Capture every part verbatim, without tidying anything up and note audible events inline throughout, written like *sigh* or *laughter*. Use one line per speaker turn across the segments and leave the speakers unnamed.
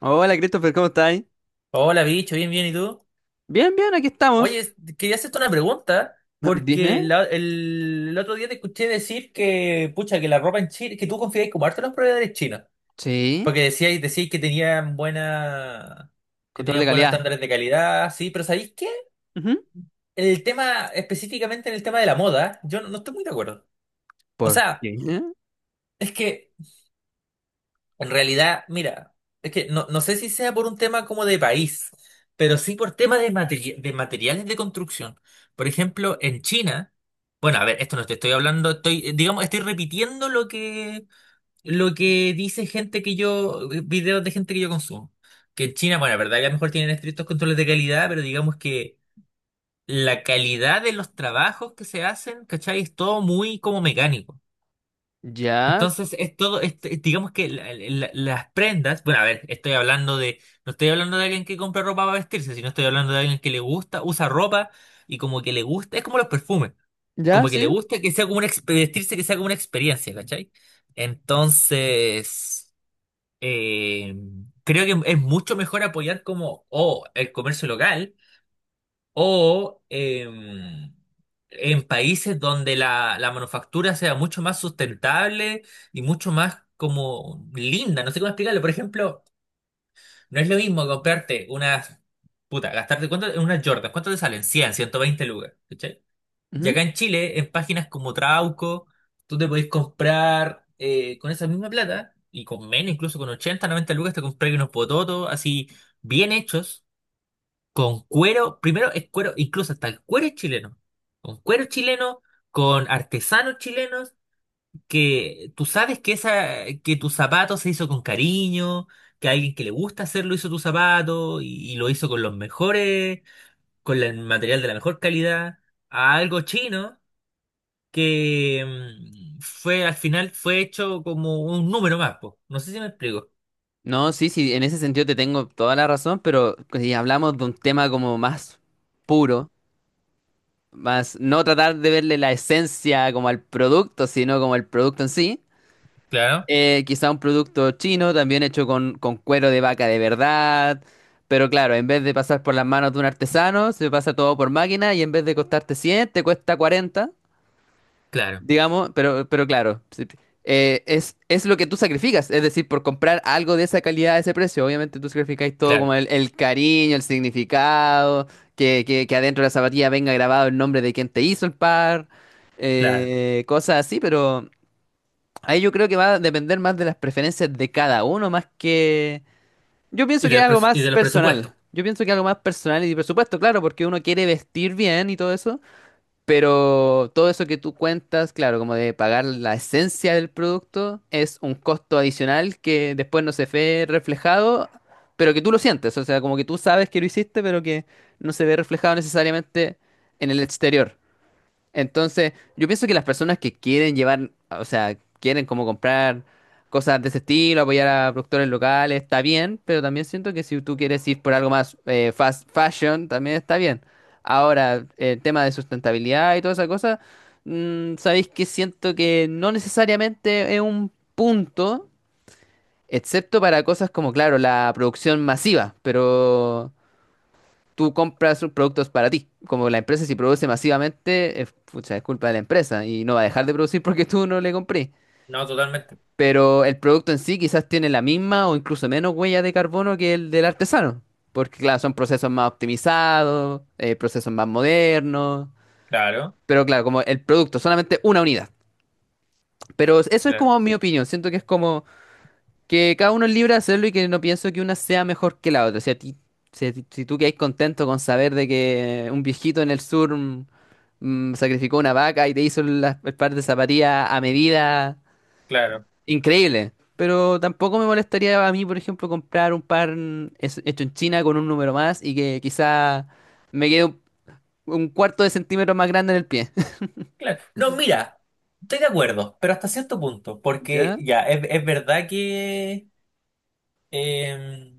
Hola Christopher, ¿cómo estáis?
Hola, bicho, bien, bien, ¿y tú?
Bien, bien, aquí estamos.
Oye, quería hacerte una pregunta,
*laughs*
porque
Dime.
la- el, el otro día te escuché decir que, pucha, que la ropa en Chile, que tú confiabas como harto en los proveedores chinos,
Sí.
porque decías, decías que tenían buena, que
Control de
tenían buenos
calidad.
estándares de calidad, sí, pero ¿sabéis qué?
Ujú.
El tema, específicamente en el tema de la moda, yo no, no estoy muy de acuerdo. O
¿Por
sea,
qué?
es que en realidad, mira, es que no, no sé si sea por un tema como de país, pero sí por tema de, materi- de materiales de construcción. Por ejemplo, en China, bueno, a ver, esto no te estoy hablando, estoy, eh, digamos, estoy repitiendo lo que, lo que dice gente que yo, eh, videos de gente que yo consumo. Que en China, bueno, la verdad que a lo mejor tienen estrictos controles de calidad, pero digamos que la calidad de los trabajos que se hacen, ¿cachai? Es todo muy como mecánico.
Ya,
Entonces, es todo, es- es- digamos que la- la- las prendas, bueno, a ver, estoy hablando de, no estoy hablando de alguien que compra ropa para vestirse, sino estoy hablando de alguien que le gusta, usa ropa y como que le gusta, es como los perfumes,
ya,
como que le
sí.
gusta que sea como una, exp- vestirse que sea como una experiencia, ¿cachai? Entonces, eh, creo que es mucho mejor apoyar como, oh, el comercio local o em, en países donde la, la manufactura sea mucho más sustentable y mucho más como linda, no sé cómo explicarlo. Por ejemplo, no es lo mismo comprarte unas, puta, gastarte cuánto en unas Jordan, ¿cuánto te salen? cien, ciento veinte lucas, ¿cachai? Y
Ujú.
acá en Chile, en páginas como Trauco, tú te podés comprar eh, con esa misma plata y con menos, incluso con ochenta, noventa lucas, te compras unos pototos así bien hechos con cuero, primero es cuero, incluso hasta el cuero es chileno, con cuero chileno, con artesanos chilenos, que tú sabes que, esa, que tu zapato se hizo con cariño, que alguien que le gusta hacerlo hizo tu zapato y, y lo hizo con los mejores, con la- el material de la mejor calidad, a algo chino que mm, fue al final fue hecho como un número más, po. No sé si me explico.
No, sí, sí, en ese sentido te tengo toda la razón, pero si hablamos de un tema como más puro, más no tratar de verle la esencia como al producto, sino como el producto en sí.
Claro,
Eh, quizá un producto chino, también hecho con, con cuero de vaca de verdad. Pero claro, en vez de pasar por las manos de un artesano, se pasa todo por máquina y en vez de costarte cien te cuesta cuarenta,
claro,
digamos. Pero, pero claro, sí, eh, es, es lo que tú sacrificas. Es decir, por comprar algo de esa calidad, a ese precio, obviamente tú sacrificáis todo
claro,
como el, el cariño, el significado, que, que, que adentro de la zapatilla venga grabado el nombre de quien te hizo el par,
claro.
eh, cosas así, pero... Ahí yo creo que va a depender más de las preferencias de cada uno, más que... Yo pienso
Y
que
de
es
los,
algo
pres- y
más
de los presupuestos.
personal. Yo pienso que es algo más personal y por supuesto, claro, porque uno quiere vestir bien y todo eso, pero todo eso que tú cuentas, claro, como de pagar la esencia del producto, es un costo adicional que después no se ve reflejado, pero que tú lo sientes, o sea, como que tú sabes que lo hiciste, pero que no se ve reflejado necesariamente en el exterior. Entonces, yo pienso que las personas que quieren llevar, o sea, quieren como comprar cosas de ese estilo, apoyar a productores locales, está bien, pero también siento que si tú quieres ir por algo más eh, fast fashion, también está bien. Ahora, el tema de sustentabilidad y toda esa cosa, mm, sabéis que siento que no necesariamente es un punto, excepto para cosas como, claro, la producción masiva, pero tú compras sus productos para ti. Como la empresa si produce masivamente, es, pucha, es culpa de la empresa y no va a dejar de producir *laughs* porque tú no le compré.
No, totalmente.
Pero el producto en sí quizás tiene la misma o incluso menos huella de carbono que el del artesano. Porque claro, son procesos más optimizados, eh, procesos más modernos.
Claro.
Pero claro, como el producto, solamente una unidad. Pero eso es
Claro,
como mi opinión. Siento que es como... que cada uno es libre de hacerlo y que no pienso que una sea mejor que la otra. O sea ti, si, a ti- Si tú quedas contento con saber de que un viejito en el sur mm, mm, sacrificó una vaca y te hizo las el par de zapatillas a medida,
claro.
increíble. Pero tampoco me molestaría a mí, por ejemplo, comprar un par mm, es- hecho en China con un número más y que quizá me quede un, un cuarto de centímetro más grande en el pie. *laughs*
Claro. No, mira, estoy de acuerdo, pero hasta cierto punto, porque
¿Ya?
ya, es, es verdad que, eh,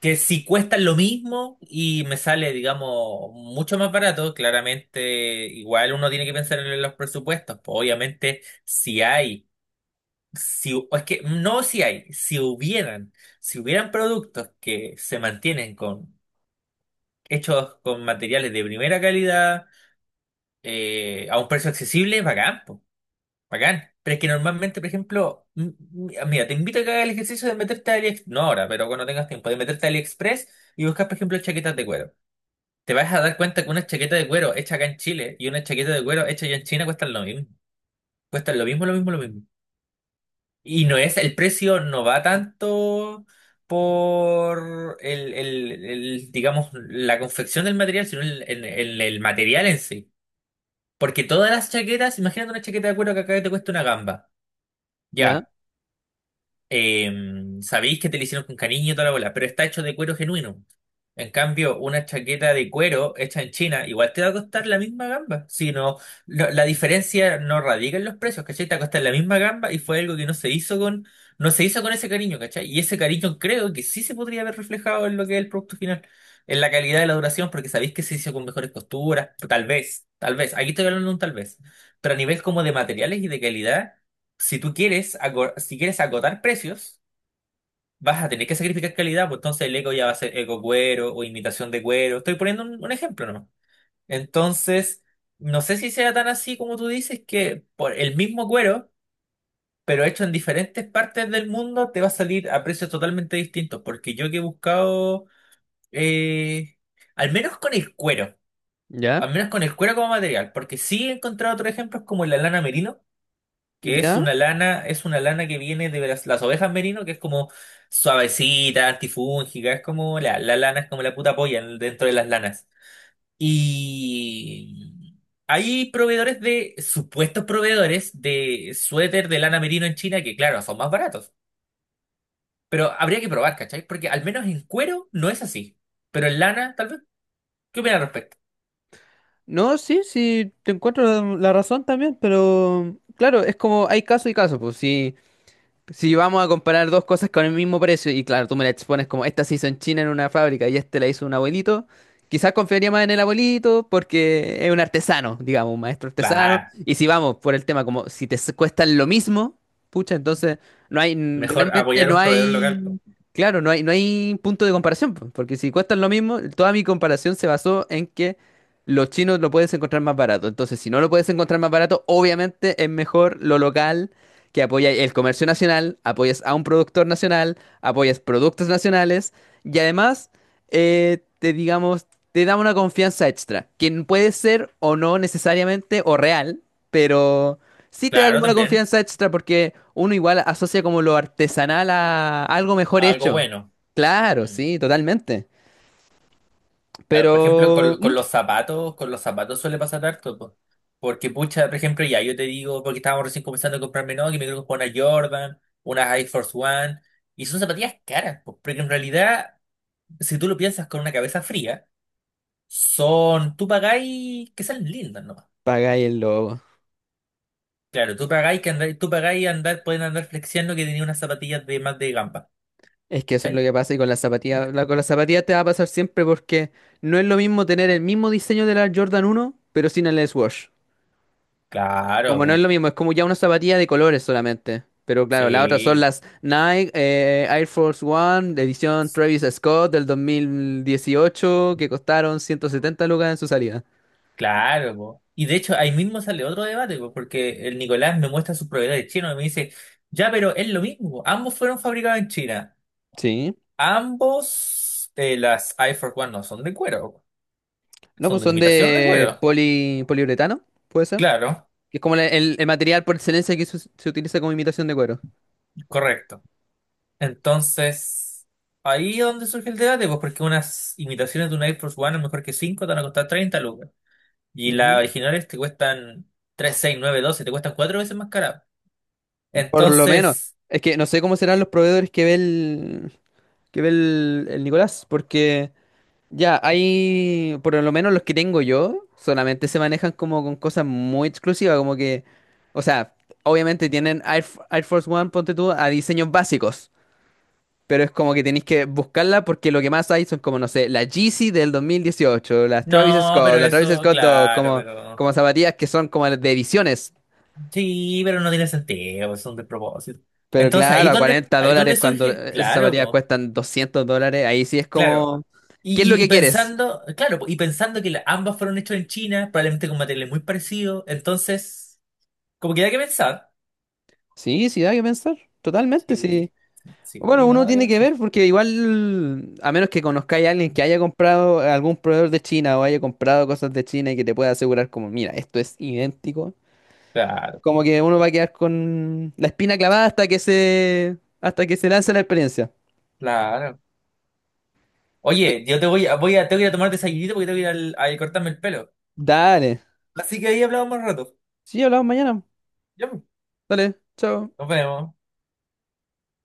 que si cuesta lo mismo y me sale, digamos, mucho más barato, claramente igual uno tiene que pensar en los presupuestos. Pues, obviamente, si hay, si, es que no si hay, si hubieran, si hubieran productos que se mantienen con hechos con materiales de primera calidad eh, a un precio accesible, bacán, pues. Bacán. Pero es que normalmente, por ejemplo, m- m- ah, mira, te invito a que hagas el ejercicio de meterte a AliExpress, no ahora, pero cuando tengas tiempo, de meterte a AliExpress y buscar, por ejemplo, chaquetas de cuero. Te vas a dar cuenta que una chaqueta de cuero hecha acá en Chile y una chaqueta de cuero hecha allá en China cuestan lo mismo. Cuestan lo mismo, lo mismo, lo mismo. Y no es, el precio no va tanto por el, el- el, digamos, la confección del material, sino el, el el- el material en sí. Porque todas las chaquetas, imagínate una chaqueta de cuero que acá te cuesta una gamba.
¿Ya?
Ya. em, sabéis que te lo hicieron con cariño y toda la bola, pero está hecho de cuero genuino. En cambio, una chaqueta de cuero hecha en China igual te va a costar la misma gamba. Si no, lo- la diferencia no radica en los precios, ¿cachai? Te va a costar la misma gamba y fue algo que no se hizo con, no se hizo con ese cariño, ¿cachai? Y ese cariño creo que sí se podría haber reflejado en lo que es el producto final, en la calidad de la duración, porque sabéis que se hizo con mejores costuras, tal vez, tal vez, aquí estoy hablando de un tal vez, pero a nivel como de materiales y de calidad si tú quieres, ago- si quieres agotar precios, vas a tener que sacrificar calidad, pues entonces el eco ya va a ser eco cuero o imitación de cuero. Estoy poniendo un, un ejemplo nomás. Entonces, no sé si sea tan así como tú dices, que por el mismo cuero, pero hecho en diferentes partes del mundo, te va a salir a precios totalmente distintos. Porque yo que he buscado, eh, al menos con el cuero,
¿Ya?
al menos con el cuero como material, porque sí he encontrado otros ejemplos como la lana merino que es
¿Ya?
una lana, es una lana que viene de las, las ovejas merino, que es como suavecita, antifúngica, es como la, la lana, es como la puta polla en- dentro de las lanas. Y hay proveedores de, supuestos proveedores de suéter de lana merino en China que, claro, son más baratos. Pero habría que probar, ¿cachai? Porque al menos en cuero no es así. Pero en lana, tal vez. ¿Qué opinas al respecto?
No, sí, sí, te encuentro la la razón también, pero claro, es como hay caso y caso, pues si si vamos a comparar dos cosas con el mismo precio, y claro, tú me la expones como esta se hizo en China en una fábrica y este la hizo un abuelito, quizás confiaría más en el abuelito porque es un artesano, digamos, un maestro artesano.
Claro,
Y si vamos por el tema, como si te s- cuestan lo mismo, pucha, entonces no hay, n-
mejor
realmente
apoyar a
no
un proveedor local, po.
hay, claro, no hay, no hay punto de comparación, po, porque si cuestan lo mismo, toda mi comparación se basó en que los chinos lo puedes encontrar más barato. Entonces, si no lo puedes encontrar más barato, obviamente es mejor lo local que apoya el comercio nacional, apoyas a un productor nacional, apoyas productos nacionales y además eh, te digamos, te da una confianza extra, que puede ser o no necesariamente o real, pero sí te da
Claro,
como una
también.
confianza extra porque uno igual asocia como lo artesanal a algo mejor
Algo
hecho.
bueno.
Claro,
Mm.
sí, totalmente.
Claro, por ejemplo,
Pero
con,
¿mm?
con los zapatos, con los zapatos suele pasar harto, po. Porque, pucha, por ejemplo, ya yo te digo, porque estábamos recién comenzando a comprarme, no, que me quiero comprar una Jordan, una Air Force One, y son zapatillas caras, po, porque en realidad, si tú lo piensas con una cabeza fría, son, tú pagáis que salen lindas, no.
Pagáis el logo.
Claro, tú pagáis que andar, tú pagáis andar, pueden andar flexiando que tenía unas zapatillas de más de gamba,
Es que eso es lo
¿cachai?
que pasa y con las zapatillas, la- con las zapatillas te va a pasar siempre porque no es lo mismo tener el mismo diseño de la Jordan uno, pero sin el S-Wash.
Claro,
Como no es
po,
lo mismo, es como ya una zapatilla de colores solamente. Pero claro, las otras son
sí.
las Nike, eh, Air Force One, de edición Travis Scott del dos mil dieciocho, que costaron ciento setenta lucas en su salida.
Claro, po. Y de hecho ahí mismo sale otro debate, po, porque el Nicolás me muestra sus propiedades chinas y me dice, ya, pero es lo mismo, ambos fueron fabricados en China,
Sí.
ambos, eh, las Air Force One no son de cuero, po.
No,
Son
pues
de una
son
imitación de
de
cuero,
poli, poliuretano, puede ser.
claro,
Que es como la- el, el material por excelencia que se se utiliza como imitación de cuero.
correcto. Entonces, ahí es donde surge el debate, pues porque unas imitaciones de una Air Force One, a lo mejor que cinco te van a costar treinta lucas, y las originales te cuestan tres, seis, nueve, doce, te cuestan cuatro veces más cara.
Por lo menos.
Entonces...
Es que no sé cómo serán los proveedores que ve el, que ve el, el Nicolás, porque ya hay, por lo menos los que tengo yo, solamente se manejan como con cosas muy exclusivas, como que, o sea, obviamente tienen Air, F- Air Force One, ponte tú, a diseños básicos, pero es como que tenéis que buscarla porque lo que más hay son como, no sé, la Yeezy del dos mil dieciocho, las Travis
No, pero
Scott, la Travis
eso,
Scott dos,
claro,
como,
pero
como zapatillas que son como de ediciones.
sí, pero no tiene sentido, es un despropósito.
Pero
Entonces
claro,
ahí
a
donde,
cuarenta
ahí donde
dólares cuando
surge,
eh, esas
claro,
zapatillas
po,
cuestan doscientos dólares, ahí sí es como,
claro.
¿qué es
Y,
lo
y, y
que quieres?
pensando, claro, po, y pensando que la- ambas fueron hechas en China, probablemente con materiales muy parecidos, entonces, como que da que pensar.
Sí, sí, da que pensar, totalmente, sí.
Sí,
Bueno,
sí, no
uno
me da que
tiene que
pensar.
ver porque igual, a menos que conozcáis a alguien que haya comprado eh, algún proveedor de China o haya comprado cosas de China y que te pueda asegurar como, mira, esto es idéntico,
Claro,
como que uno va a quedar con la espina clavada hasta que se, hasta que se lance la experiencia.
claro. Oye, yo te voy a, voy a, tengo que ir a tomar desayunito porque tengo que ir al, a cortarme el pelo.
Dale.
Así que ahí hablamos más rato.
Sí, hablamos mañana.
Ya, pues,
Dale, chao.
nos vemos.